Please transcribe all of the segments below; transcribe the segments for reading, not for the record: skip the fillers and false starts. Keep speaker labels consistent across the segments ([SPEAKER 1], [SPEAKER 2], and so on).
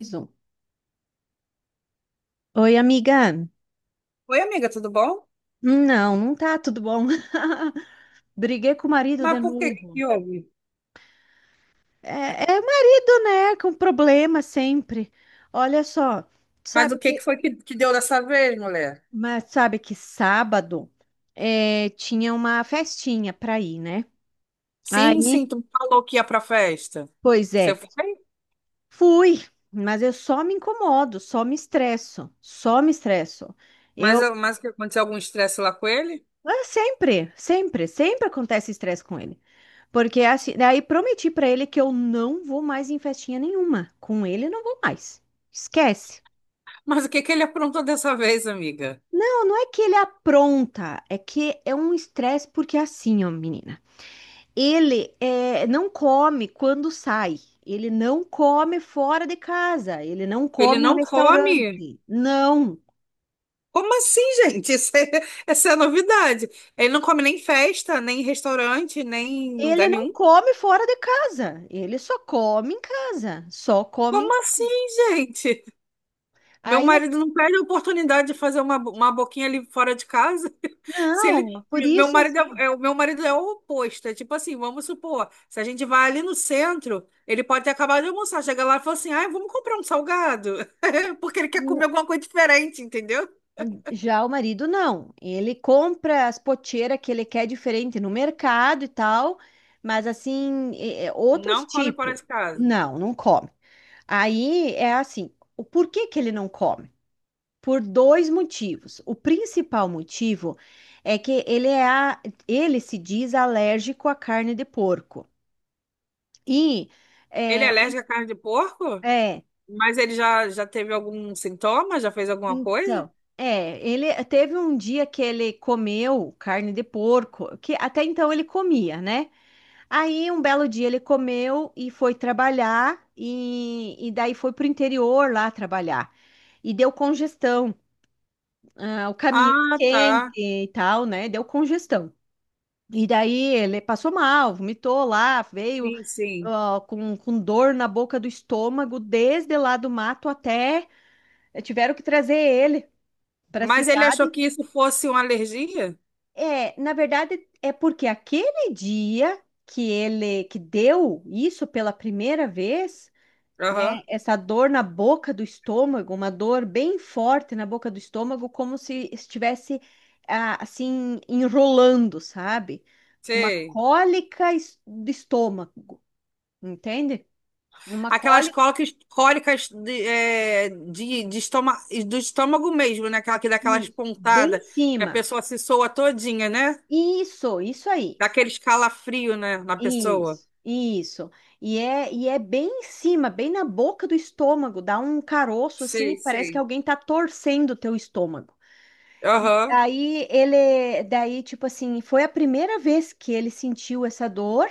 [SPEAKER 1] Mais um. Oi, amiga.
[SPEAKER 2] Oi, amiga, tudo bom?
[SPEAKER 1] Não, não tá tudo bom. Briguei com o marido
[SPEAKER 2] Mas
[SPEAKER 1] de
[SPEAKER 2] por que
[SPEAKER 1] novo.
[SPEAKER 2] que houve?
[SPEAKER 1] É, é o marido, né? Com problema sempre. Olha só,
[SPEAKER 2] Mas
[SPEAKER 1] sabe
[SPEAKER 2] o que
[SPEAKER 1] que,
[SPEAKER 2] que foi que deu dessa vez, mulher?
[SPEAKER 1] mas sabe que sábado tinha uma festinha pra ir, né? Aí,
[SPEAKER 2] Sim, sim, tu me falou que ia pra festa.
[SPEAKER 1] pois
[SPEAKER 2] Você
[SPEAKER 1] é,
[SPEAKER 2] foi?
[SPEAKER 1] fui, mas eu só me incomodo, só me estresso, só me estresso.
[SPEAKER 2] Mas,
[SPEAKER 1] Eu,
[SPEAKER 2] mas que aconteceu algum estresse lá com ele?
[SPEAKER 1] ah, sempre, sempre, sempre acontece estresse com ele. Porque assim, daí prometi pra ele que eu não vou mais em festinha nenhuma. Com ele não vou mais. Esquece.
[SPEAKER 2] Mas o que que ele aprontou dessa vez, amiga?
[SPEAKER 1] Não, não é que ele apronta, é que é um estresse porque é assim, ó, menina. Não come quando sai. Ele não come fora de casa. Ele não
[SPEAKER 2] Ele
[SPEAKER 1] come em
[SPEAKER 2] não come?
[SPEAKER 1] restaurante. Não.
[SPEAKER 2] Como assim, gente? Isso é, essa é a novidade. Ele não come nem festa, nem restaurante, nem em
[SPEAKER 1] Ele
[SPEAKER 2] lugar
[SPEAKER 1] não
[SPEAKER 2] nenhum.
[SPEAKER 1] come fora de casa. Ele só come em casa.
[SPEAKER 2] Como assim, gente? Meu
[SPEAKER 1] Aí, assim,
[SPEAKER 2] marido não perde a oportunidade de fazer uma boquinha ali fora de casa. Se ele,
[SPEAKER 1] não, por
[SPEAKER 2] meu
[SPEAKER 1] isso... assim,
[SPEAKER 2] marido o meu marido é o oposto. É tipo assim, vamos supor, se a gente vai ali no centro, ele pode ter acabado de almoçar, chega lá e fala assim, ai, vamos comprar um salgado, porque ele quer comer alguma coisa diferente, entendeu?
[SPEAKER 1] já o marido não. Ele compra as poteiras que ele quer diferente no mercado e tal, mas assim, é outros
[SPEAKER 2] Não come fora
[SPEAKER 1] tipos.
[SPEAKER 2] de casa.
[SPEAKER 1] Não, não come. Aí é assim, o porquê que ele não come? Por dois motivos. O principal motivo é que ele se diz alérgico à carne de porco. E
[SPEAKER 2] Ele
[SPEAKER 1] é,
[SPEAKER 2] é alérgico à carne de porco?
[SPEAKER 1] é,
[SPEAKER 2] Mas ele já teve algum sintoma? Já fez alguma coisa?
[SPEAKER 1] Então, é, ele teve um dia que ele comeu carne de porco, que até então ele comia, né? Aí um belo dia ele comeu e foi trabalhar e daí foi pro interior lá trabalhar. E deu congestão, ah, o caminho
[SPEAKER 2] Ah,
[SPEAKER 1] quente
[SPEAKER 2] tá.
[SPEAKER 1] e tal, né? Deu congestão. E daí ele passou mal, vomitou lá, veio
[SPEAKER 2] Sim, sim.
[SPEAKER 1] ó, com dor na boca do estômago, desde lá do mato até tiveram que trazer ele para a
[SPEAKER 2] Mas ele achou
[SPEAKER 1] cidade.
[SPEAKER 2] que isso fosse uma alergia?
[SPEAKER 1] É, na verdade, é porque aquele dia que ele que deu isso pela primeira vez, né,
[SPEAKER 2] Aham.
[SPEAKER 1] essa dor na boca do estômago, uma dor bem forte na boca do estômago, como se estivesse ah, assim enrolando, sabe? Uma
[SPEAKER 2] Sei.
[SPEAKER 1] do estômago, entende? Uma
[SPEAKER 2] Aquelas
[SPEAKER 1] cólica,
[SPEAKER 2] cólicas de estômago, do estômago mesmo, né? Aquela que dá aquelas
[SPEAKER 1] isso, bem em
[SPEAKER 2] pontadas, que a
[SPEAKER 1] cima.
[SPEAKER 2] pessoa se soa todinha, né?
[SPEAKER 1] Isso aí.
[SPEAKER 2] Dá aquele escalafrio, né, na pessoa.
[SPEAKER 1] Isso, isso. E é bem em cima, bem na boca do estômago, dá um caroço assim, e
[SPEAKER 2] Sei,
[SPEAKER 1] parece que
[SPEAKER 2] sei.
[SPEAKER 1] alguém tá torcendo o teu estômago. E
[SPEAKER 2] Aham.
[SPEAKER 1] daí ele, daí tipo assim, foi a primeira vez que ele sentiu essa dor.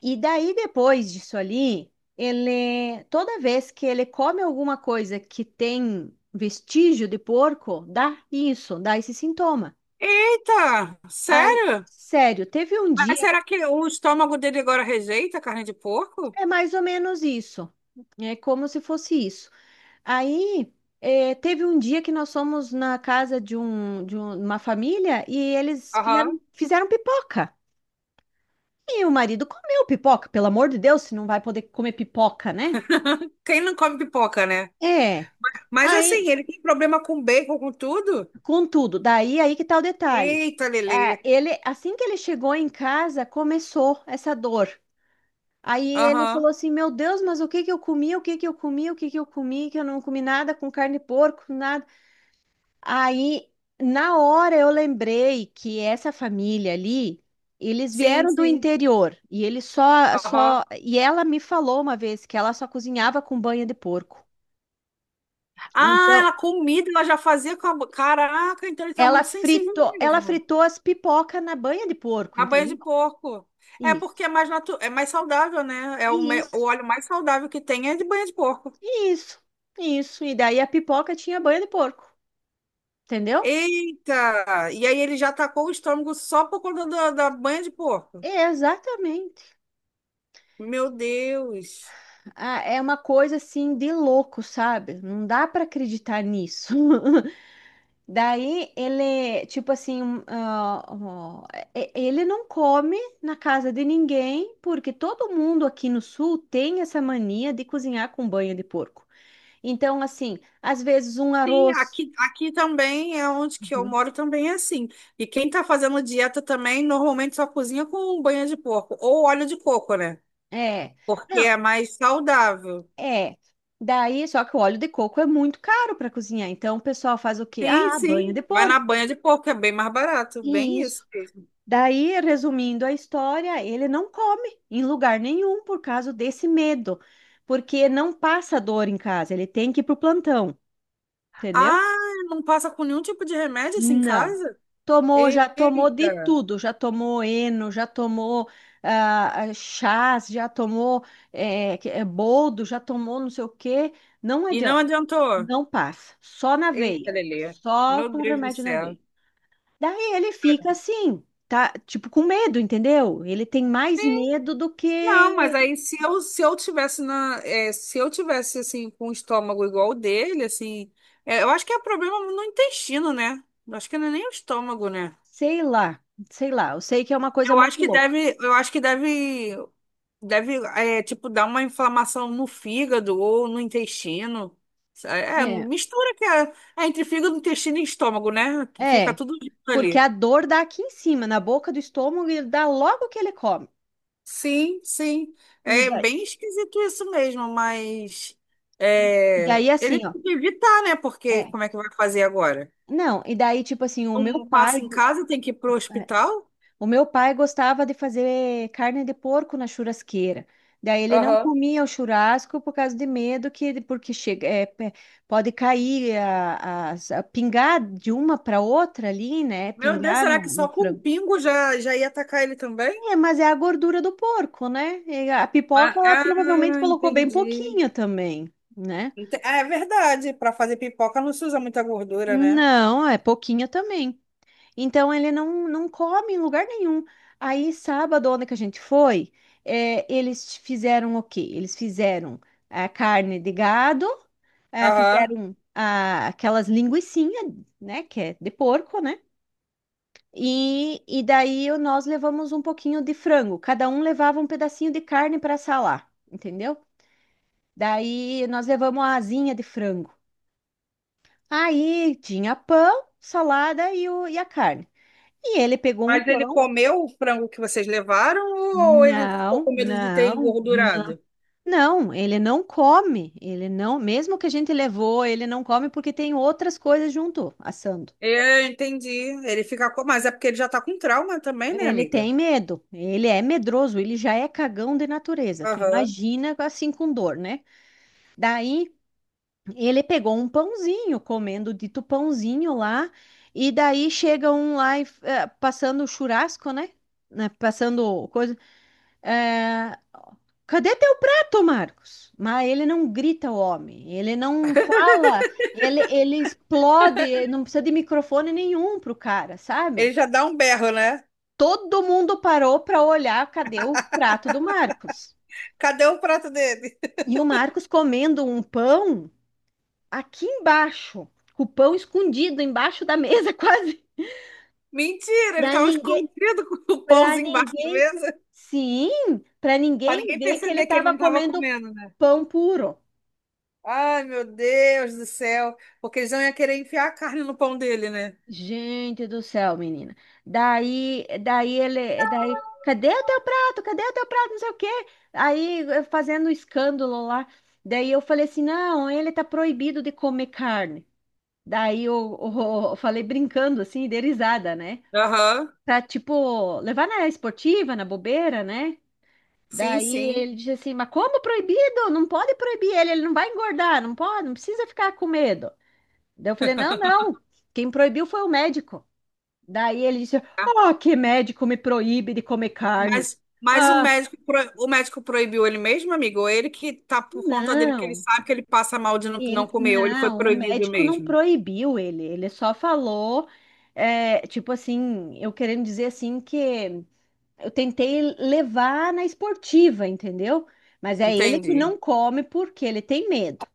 [SPEAKER 1] E daí depois disso ali, ele, toda vez que ele come alguma coisa que tem vestígio de porco, dá isso, dá esse sintoma.
[SPEAKER 2] Eita,
[SPEAKER 1] Aí,
[SPEAKER 2] sério?
[SPEAKER 1] sério, teve um
[SPEAKER 2] Mas
[SPEAKER 1] dia
[SPEAKER 2] será que o estômago dele agora rejeita a carne de porco?
[SPEAKER 1] é mais ou menos isso. É como se fosse isso. Aí, teve um dia que nós fomos na casa de uma família e eles
[SPEAKER 2] Aham.
[SPEAKER 1] fizeram pipoca. E o marido comeu pipoca, pelo amor de Deus, se não vai poder comer pipoca, né?
[SPEAKER 2] Quem não come pipoca, né?
[SPEAKER 1] É.
[SPEAKER 2] Mas
[SPEAKER 1] Aí,
[SPEAKER 2] assim, ele tem problema com bacon, com tudo?
[SPEAKER 1] contudo, daí aí que tá o detalhe.
[SPEAKER 2] Eita, Lelê.
[SPEAKER 1] Ah, ele, assim que ele chegou em casa, começou essa dor. Aí ele falou
[SPEAKER 2] Aham.
[SPEAKER 1] assim: "Meu Deus, mas o que que eu comi? O que que eu comi? O que que eu comi? Que eu não comi nada com carne de porco, nada." Aí, na hora, eu lembrei que essa família ali, eles
[SPEAKER 2] Sim,
[SPEAKER 1] vieram do
[SPEAKER 2] sim.
[SPEAKER 1] interior
[SPEAKER 2] Aham.
[SPEAKER 1] e ela me falou uma vez que ela só cozinhava com banha de porco.
[SPEAKER 2] Ah,
[SPEAKER 1] Então,
[SPEAKER 2] ela comida, ela já fazia com a... Caraca, então ele tá muito sensível
[SPEAKER 1] ela
[SPEAKER 2] mesmo.
[SPEAKER 1] fritou as pipocas na banha de porco,
[SPEAKER 2] A banha
[SPEAKER 1] entendeu?
[SPEAKER 2] de porco. É
[SPEAKER 1] Isso,
[SPEAKER 2] porque é mais natu... é mais saudável, né? É o
[SPEAKER 1] isso,
[SPEAKER 2] óleo mais saudável que tem é de banha de porco.
[SPEAKER 1] isso, isso. E daí a pipoca tinha banha de porco, entendeu?
[SPEAKER 2] Eita! E aí ele já atacou o estômago só por conta da banha de porco.
[SPEAKER 1] Exatamente.
[SPEAKER 2] Meu Deus.
[SPEAKER 1] Ah, é uma coisa assim de louco, sabe? Não dá para acreditar nisso. Daí ele, tipo assim, um, ah, ó, e- ele não come na casa de ninguém, porque todo mundo aqui no sul tem essa mania de cozinhar com banha de porco. Então, assim, às vezes um
[SPEAKER 2] Sim,
[SPEAKER 1] arroz.
[SPEAKER 2] aqui também é onde que eu
[SPEAKER 1] Uhum.
[SPEAKER 2] moro também é assim. E quem tá fazendo dieta também normalmente só cozinha com banha de porco ou óleo de coco, né?
[SPEAKER 1] É.
[SPEAKER 2] Porque
[SPEAKER 1] Não,
[SPEAKER 2] é mais saudável.
[SPEAKER 1] é. Daí, só que o óleo de coco é muito caro para cozinhar. Então, o pessoal faz o quê?
[SPEAKER 2] Sim,
[SPEAKER 1] Ah, banho de
[SPEAKER 2] sim. Vai na
[SPEAKER 1] porco.
[SPEAKER 2] banha de porco, que é bem mais barato. Bem
[SPEAKER 1] Isso.
[SPEAKER 2] isso. Mesmo.
[SPEAKER 1] Daí, resumindo a história, ele não come em lugar nenhum por causa desse medo, porque não passa dor em casa, ele tem que ir pro plantão, entendeu?
[SPEAKER 2] Ah, não passa com nenhum tipo de remédio assim em
[SPEAKER 1] Não.
[SPEAKER 2] casa?
[SPEAKER 1] Tomou, já tomou de
[SPEAKER 2] Eita.
[SPEAKER 1] tudo, já tomou eno, já tomou chás, já tomou boldo, já tomou não sei o quê. Não
[SPEAKER 2] E
[SPEAKER 1] adianta,
[SPEAKER 2] não adiantou?
[SPEAKER 1] não passa, só na
[SPEAKER 2] Eita,
[SPEAKER 1] veia,
[SPEAKER 2] Lelê.
[SPEAKER 1] só
[SPEAKER 2] Meu
[SPEAKER 1] com
[SPEAKER 2] Deus do
[SPEAKER 1] remédio na
[SPEAKER 2] céu.
[SPEAKER 1] veia. Daí ele fica assim, tá? Tipo, com medo, entendeu? Ele tem mais medo do
[SPEAKER 2] Não, mas
[SPEAKER 1] que,
[SPEAKER 2] aí se eu tivesse na, é, se eu tivesse assim com o estômago igual o dele, assim, é, eu acho que é problema no intestino, né? Eu acho que não é nem o estômago, né?
[SPEAKER 1] sei lá, sei lá. Eu sei que é uma coisa
[SPEAKER 2] Eu acho
[SPEAKER 1] muito
[SPEAKER 2] que
[SPEAKER 1] louca.
[SPEAKER 2] deve, eu acho que deve. Deve, é, tipo, dar uma inflamação no fígado ou no intestino. É,
[SPEAKER 1] É,
[SPEAKER 2] mistura que é, é entre fígado, intestino e estômago, né? Fica
[SPEAKER 1] é,
[SPEAKER 2] tudo junto
[SPEAKER 1] porque a
[SPEAKER 2] ali.
[SPEAKER 1] dor dá aqui em cima, na boca do estômago, e dá logo que ele come.
[SPEAKER 2] Sim, sim.
[SPEAKER 1] E
[SPEAKER 2] É
[SPEAKER 1] daí,
[SPEAKER 2] bem esquisito isso mesmo, mas
[SPEAKER 1] e
[SPEAKER 2] é,
[SPEAKER 1] daí
[SPEAKER 2] ele
[SPEAKER 1] assim, ó.
[SPEAKER 2] tem que evitar, né? Porque
[SPEAKER 1] É.
[SPEAKER 2] como é que vai fazer agora?
[SPEAKER 1] Não, e daí, tipo assim, o meu
[SPEAKER 2] Um
[SPEAKER 1] pai.
[SPEAKER 2] passa em casa, tem que ir pro hospital?
[SPEAKER 1] O meu pai gostava de fazer carne de porco na churrasqueira. Daí ele não
[SPEAKER 2] Aham.
[SPEAKER 1] comia o churrasco por causa de medo que porque pode cair a pingar de uma para outra ali, né?
[SPEAKER 2] Meu Deus,
[SPEAKER 1] Pingar
[SPEAKER 2] será que
[SPEAKER 1] no
[SPEAKER 2] só com um
[SPEAKER 1] frango.
[SPEAKER 2] pingo já ia atacar ele também?
[SPEAKER 1] É, mas é a gordura do porco, né? E a pipoca
[SPEAKER 2] Ah,
[SPEAKER 1] ela
[SPEAKER 2] ah,
[SPEAKER 1] provavelmente colocou bem
[SPEAKER 2] entendi.
[SPEAKER 1] pouquinho também, né?
[SPEAKER 2] Ente- É verdade, para fazer pipoca não se usa muita gordura, né?
[SPEAKER 1] Não, é pouquinho também. Então ele não, não come em lugar nenhum. Aí, sábado, onde que a gente foi, eles fizeram o quê? Eles fizeram a carne de gado, ah,
[SPEAKER 2] Aham.
[SPEAKER 1] fizeram ah, aquelas linguicinhas, né? Que é de porco, né? E nós levamos um pouquinho de frango. Cada um levava um pedacinho de carne para salar, entendeu? Daí nós levamos a asinha de frango. Aí tinha pão, salada e a carne. E ele pegou um
[SPEAKER 2] Mas ele
[SPEAKER 1] pão.
[SPEAKER 2] comeu o frango que vocês levaram ou ele ficou
[SPEAKER 1] Não,
[SPEAKER 2] com medo de ter
[SPEAKER 1] não, n-
[SPEAKER 2] engordurado?
[SPEAKER 1] não, ele não come, ele não, mesmo que a gente levou, ele não come porque tem outras coisas junto, assando.
[SPEAKER 2] Eu entendi. Ele fica com... Mas é porque ele já tá com trauma também, né,
[SPEAKER 1] Ele tem
[SPEAKER 2] amiga?
[SPEAKER 1] medo, ele é medroso, ele já é cagão de natureza. Tu
[SPEAKER 2] Aham.
[SPEAKER 1] imagina assim com dor, né? Daí ele pegou um pãozinho, comendo o dito pãozinho lá, e daí chega um lá passando o churrasco, né? Né, passando coisa. eh, Cadê teu prato, Marcos? Mas ele não grita, o homem. Ele não fala, ele explode, não precisa de microfone nenhum pro cara,
[SPEAKER 2] Ele
[SPEAKER 1] sabe?
[SPEAKER 2] já dá um berro, né?
[SPEAKER 1] Todo mundo parou para olhar cadê o prato do Marcos.
[SPEAKER 2] Cadê o prato dele?
[SPEAKER 1] E o Marcos comendo um pão aqui embaixo, com o pão escondido embaixo da mesa, quase.
[SPEAKER 2] Mentira, ele
[SPEAKER 1] Para
[SPEAKER 2] tava
[SPEAKER 1] ninguém,
[SPEAKER 2] escondido com o
[SPEAKER 1] para
[SPEAKER 2] pãozinho embaixo da
[SPEAKER 1] ninguém,
[SPEAKER 2] mesa.
[SPEAKER 1] sim, para
[SPEAKER 2] Pra
[SPEAKER 1] ninguém
[SPEAKER 2] ninguém
[SPEAKER 1] ver que ele
[SPEAKER 2] perceber que ele
[SPEAKER 1] estava
[SPEAKER 2] não tava
[SPEAKER 1] comendo
[SPEAKER 2] comendo, né?
[SPEAKER 1] pão puro.
[SPEAKER 2] Ai, meu Deus do céu. Porque eles não iam querer enfiar a carne no pão dele, né?
[SPEAKER 1] Gente do céu, menina. Cadê o teu prato? Cadê o teu prato? Não sei o quê. Aí eu fazendo escândalo lá. Daí eu falei assim: "Não, ele tá proibido de comer carne". Daí eu, eu falei brincando assim, de risada, né?
[SPEAKER 2] Aham.
[SPEAKER 1] Pra tipo levar na esportiva, na bobeira, né?
[SPEAKER 2] Sim,
[SPEAKER 1] Daí
[SPEAKER 2] sim.
[SPEAKER 1] ele disse assim: "Mas como proibido? Não pode proibir ele, ele não vai engordar, não pode, não precisa ficar com medo". Daí eu falei: "Não, não. Quem proibiu foi o médico". Daí ele disse:
[SPEAKER 2] Tá.
[SPEAKER 1] "Oh, que médico me proíbe de comer carne."
[SPEAKER 2] Mas o
[SPEAKER 1] Ah,
[SPEAKER 2] médico, o médico proibiu ele mesmo, amigo? Ou ele que tá por conta dele, que ele
[SPEAKER 1] não,
[SPEAKER 2] sabe que ele passa mal de não
[SPEAKER 1] ele,
[SPEAKER 2] comer, ou ele foi
[SPEAKER 1] não, o
[SPEAKER 2] proibido
[SPEAKER 1] médico não
[SPEAKER 2] mesmo?
[SPEAKER 1] proibiu ele, ele só falou, é, tipo assim, eu querendo dizer assim que eu tentei levar na esportiva, entendeu? Mas é ele que
[SPEAKER 2] Entendi.
[SPEAKER 1] não come porque ele tem medo.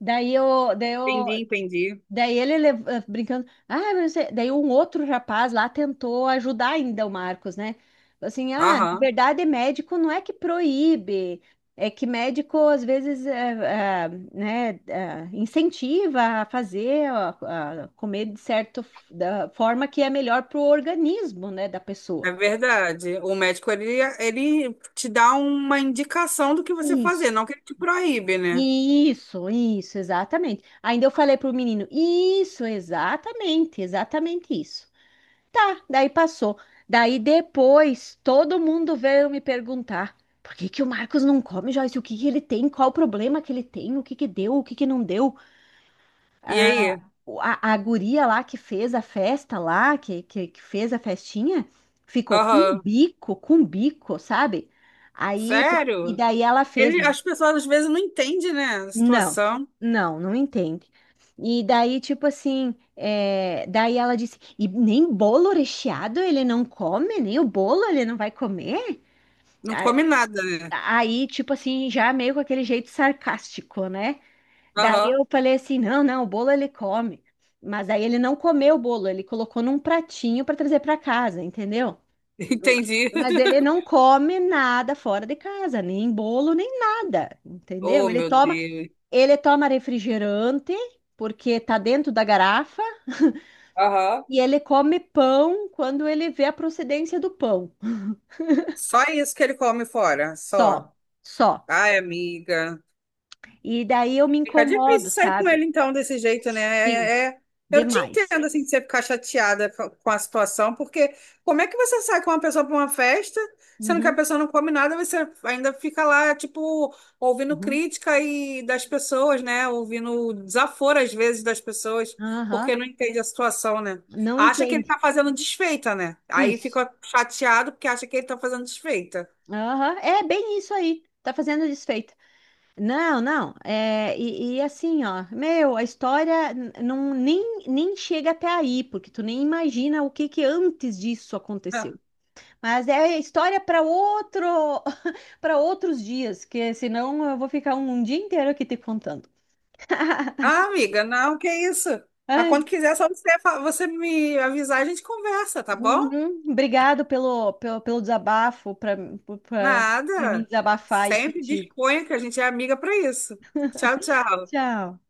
[SPEAKER 1] Daí eu.
[SPEAKER 2] Entendi, entendi.
[SPEAKER 1] Daí ele brincando, ah, "mas você-" daí um outro rapaz lá tentou ajudar ainda o Marcos, né? Falou assim, ah, na
[SPEAKER 2] Aham.
[SPEAKER 1] verdade, médico não é que proíbe, é que médico às vezes incentiva a fazer, a comer de certa da forma que é melhor para o organismo, né, da pessoa.
[SPEAKER 2] É verdade. O médico, ele te dá uma indicação do que você fazer,
[SPEAKER 1] Isso,
[SPEAKER 2] não que ele te proíbe, né?
[SPEAKER 1] isso, exatamente. Ainda eu falei para o menino, isso, exatamente, exatamente isso. Tá, daí passou. Daí depois todo mundo veio me perguntar: por que que o Marcos não come, Joyce? O que que ele tem? Qual o problema que ele tem? O que que deu? O que que não deu?
[SPEAKER 2] E
[SPEAKER 1] A,
[SPEAKER 2] aí?
[SPEAKER 1] a guria lá que fez a festa lá, que fez a festinha, ficou
[SPEAKER 2] Aham.
[SPEAKER 1] com um bico, sabe? Aí, e
[SPEAKER 2] Sério?
[SPEAKER 1] daí ela fez.
[SPEAKER 2] Ele, as pessoas às vezes não entendem, né? A
[SPEAKER 1] Não,
[SPEAKER 2] situação.
[SPEAKER 1] não, não entende. E daí, tipo assim, é, daí ela disse, e nem bolo recheado ele não come, nem o bolo ele não vai comer?
[SPEAKER 2] Não
[SPEAKER 1] A-
[SPEAKER 2] come nada, né?
[SPEAKER 1] Aí, tipo assim, já meio com aquele jeito sarcástico, né? Daí
[SPEAKER 2] Aham.
[SPEAKER 1] eu falei assim, não, não, o bolo ele come. Mas aí ele não comeu o bolo, ele colocou num pratinho para trazer para casa, entendeu?
[SPEAKER 2] Entendi.
[SPEAKER 1] Mas ele não come nada fora de casa, nem bolo, nem nada, entendeu?
[SPEAKER 2] Oh, meu Deus.
[SPEAKER 1] Ele toma refrigerante, porque tá dentro da garrafa,
[SPEAKER 2] Aham.
[SPEAKER 1] e ele come pão quando ele vê a procedência do pão.
[SPEAKER 2] Só isso que ele come fora, só.
[SPEAKER 1] Só, só.
[SPEAKER 2] Ai, amiga.
[SPEAKER 1] E daí eu me
[SPEAKER 2] Fica difícil
[SPEAKER 1] incomodo,
[SPEAKER 2] sair com ele,
[SPEAKER 1] sabe?
[SPEAKER 2] então, desse jeito, né?
[SPEAKER 1] Sim,
[SPEAKER 2] É- é, Eu te
[SPEAKER 1] demais.
[SPEAKER 2] entendo, assim, de você ficar chateada com a situação, porque como é que você sai com uma pessoa para uma festa, sendo que a
[SPEAKER 1] Uhum,
[SPEAKER 2] pessoa não come nada, você ainda fica lá, tipo, ouvindo
[SPEAKER 1] uhum,
[SPEAKER 2] crítica e das pessoas, né? Ouvindo desaforo, às vezes, das pessoas,
[SPEAKER 1] aham.
[SPEAKER 2] porque não entende a situação, né?
[SPEAKER 1] Não
[SPEAKER 2] Acha que ele
[SPEAKER 1] entende.
[SPEAKER 2] tá fazendo desfeita, né? Aí
[SPEAKER 1] Isso.
[SPEAKER 2] fica chateado porque acha que ele tá fazendo desfeita.
[SPEAKER 1] Aham, é bem isso aí. Tá fazendo desfeita. Não, não. E assim, ó, meu, a não, nem, nem chega até aí, porque tu nem imagina o que que antes disso aconteceu. Mas é história para outro, para outros dias, que senão eu vou ficar um dia inteiro aqui te contando.
[SPEAKER 2] Ah, amiga, não, que isso? Mas
[SPEAKER 1] Ai,
[SPEAKER 2] quando quiser, é só você me avisar, a gente conversa, tá bom?
[SPEAKER 1] uhum, obrigado pelo, pelo, pelo desabafo, para me
[SPEAKER 2] Nada.
[SPEAKER 1] desabafar aí
[SPEAKER 2] Sempre
[SPEAKER 1] contigo.
[SPEAKER 2] disponha que a gente é amiga para isso. Tchau, tchau.
[SPEAKER 1] Tchau.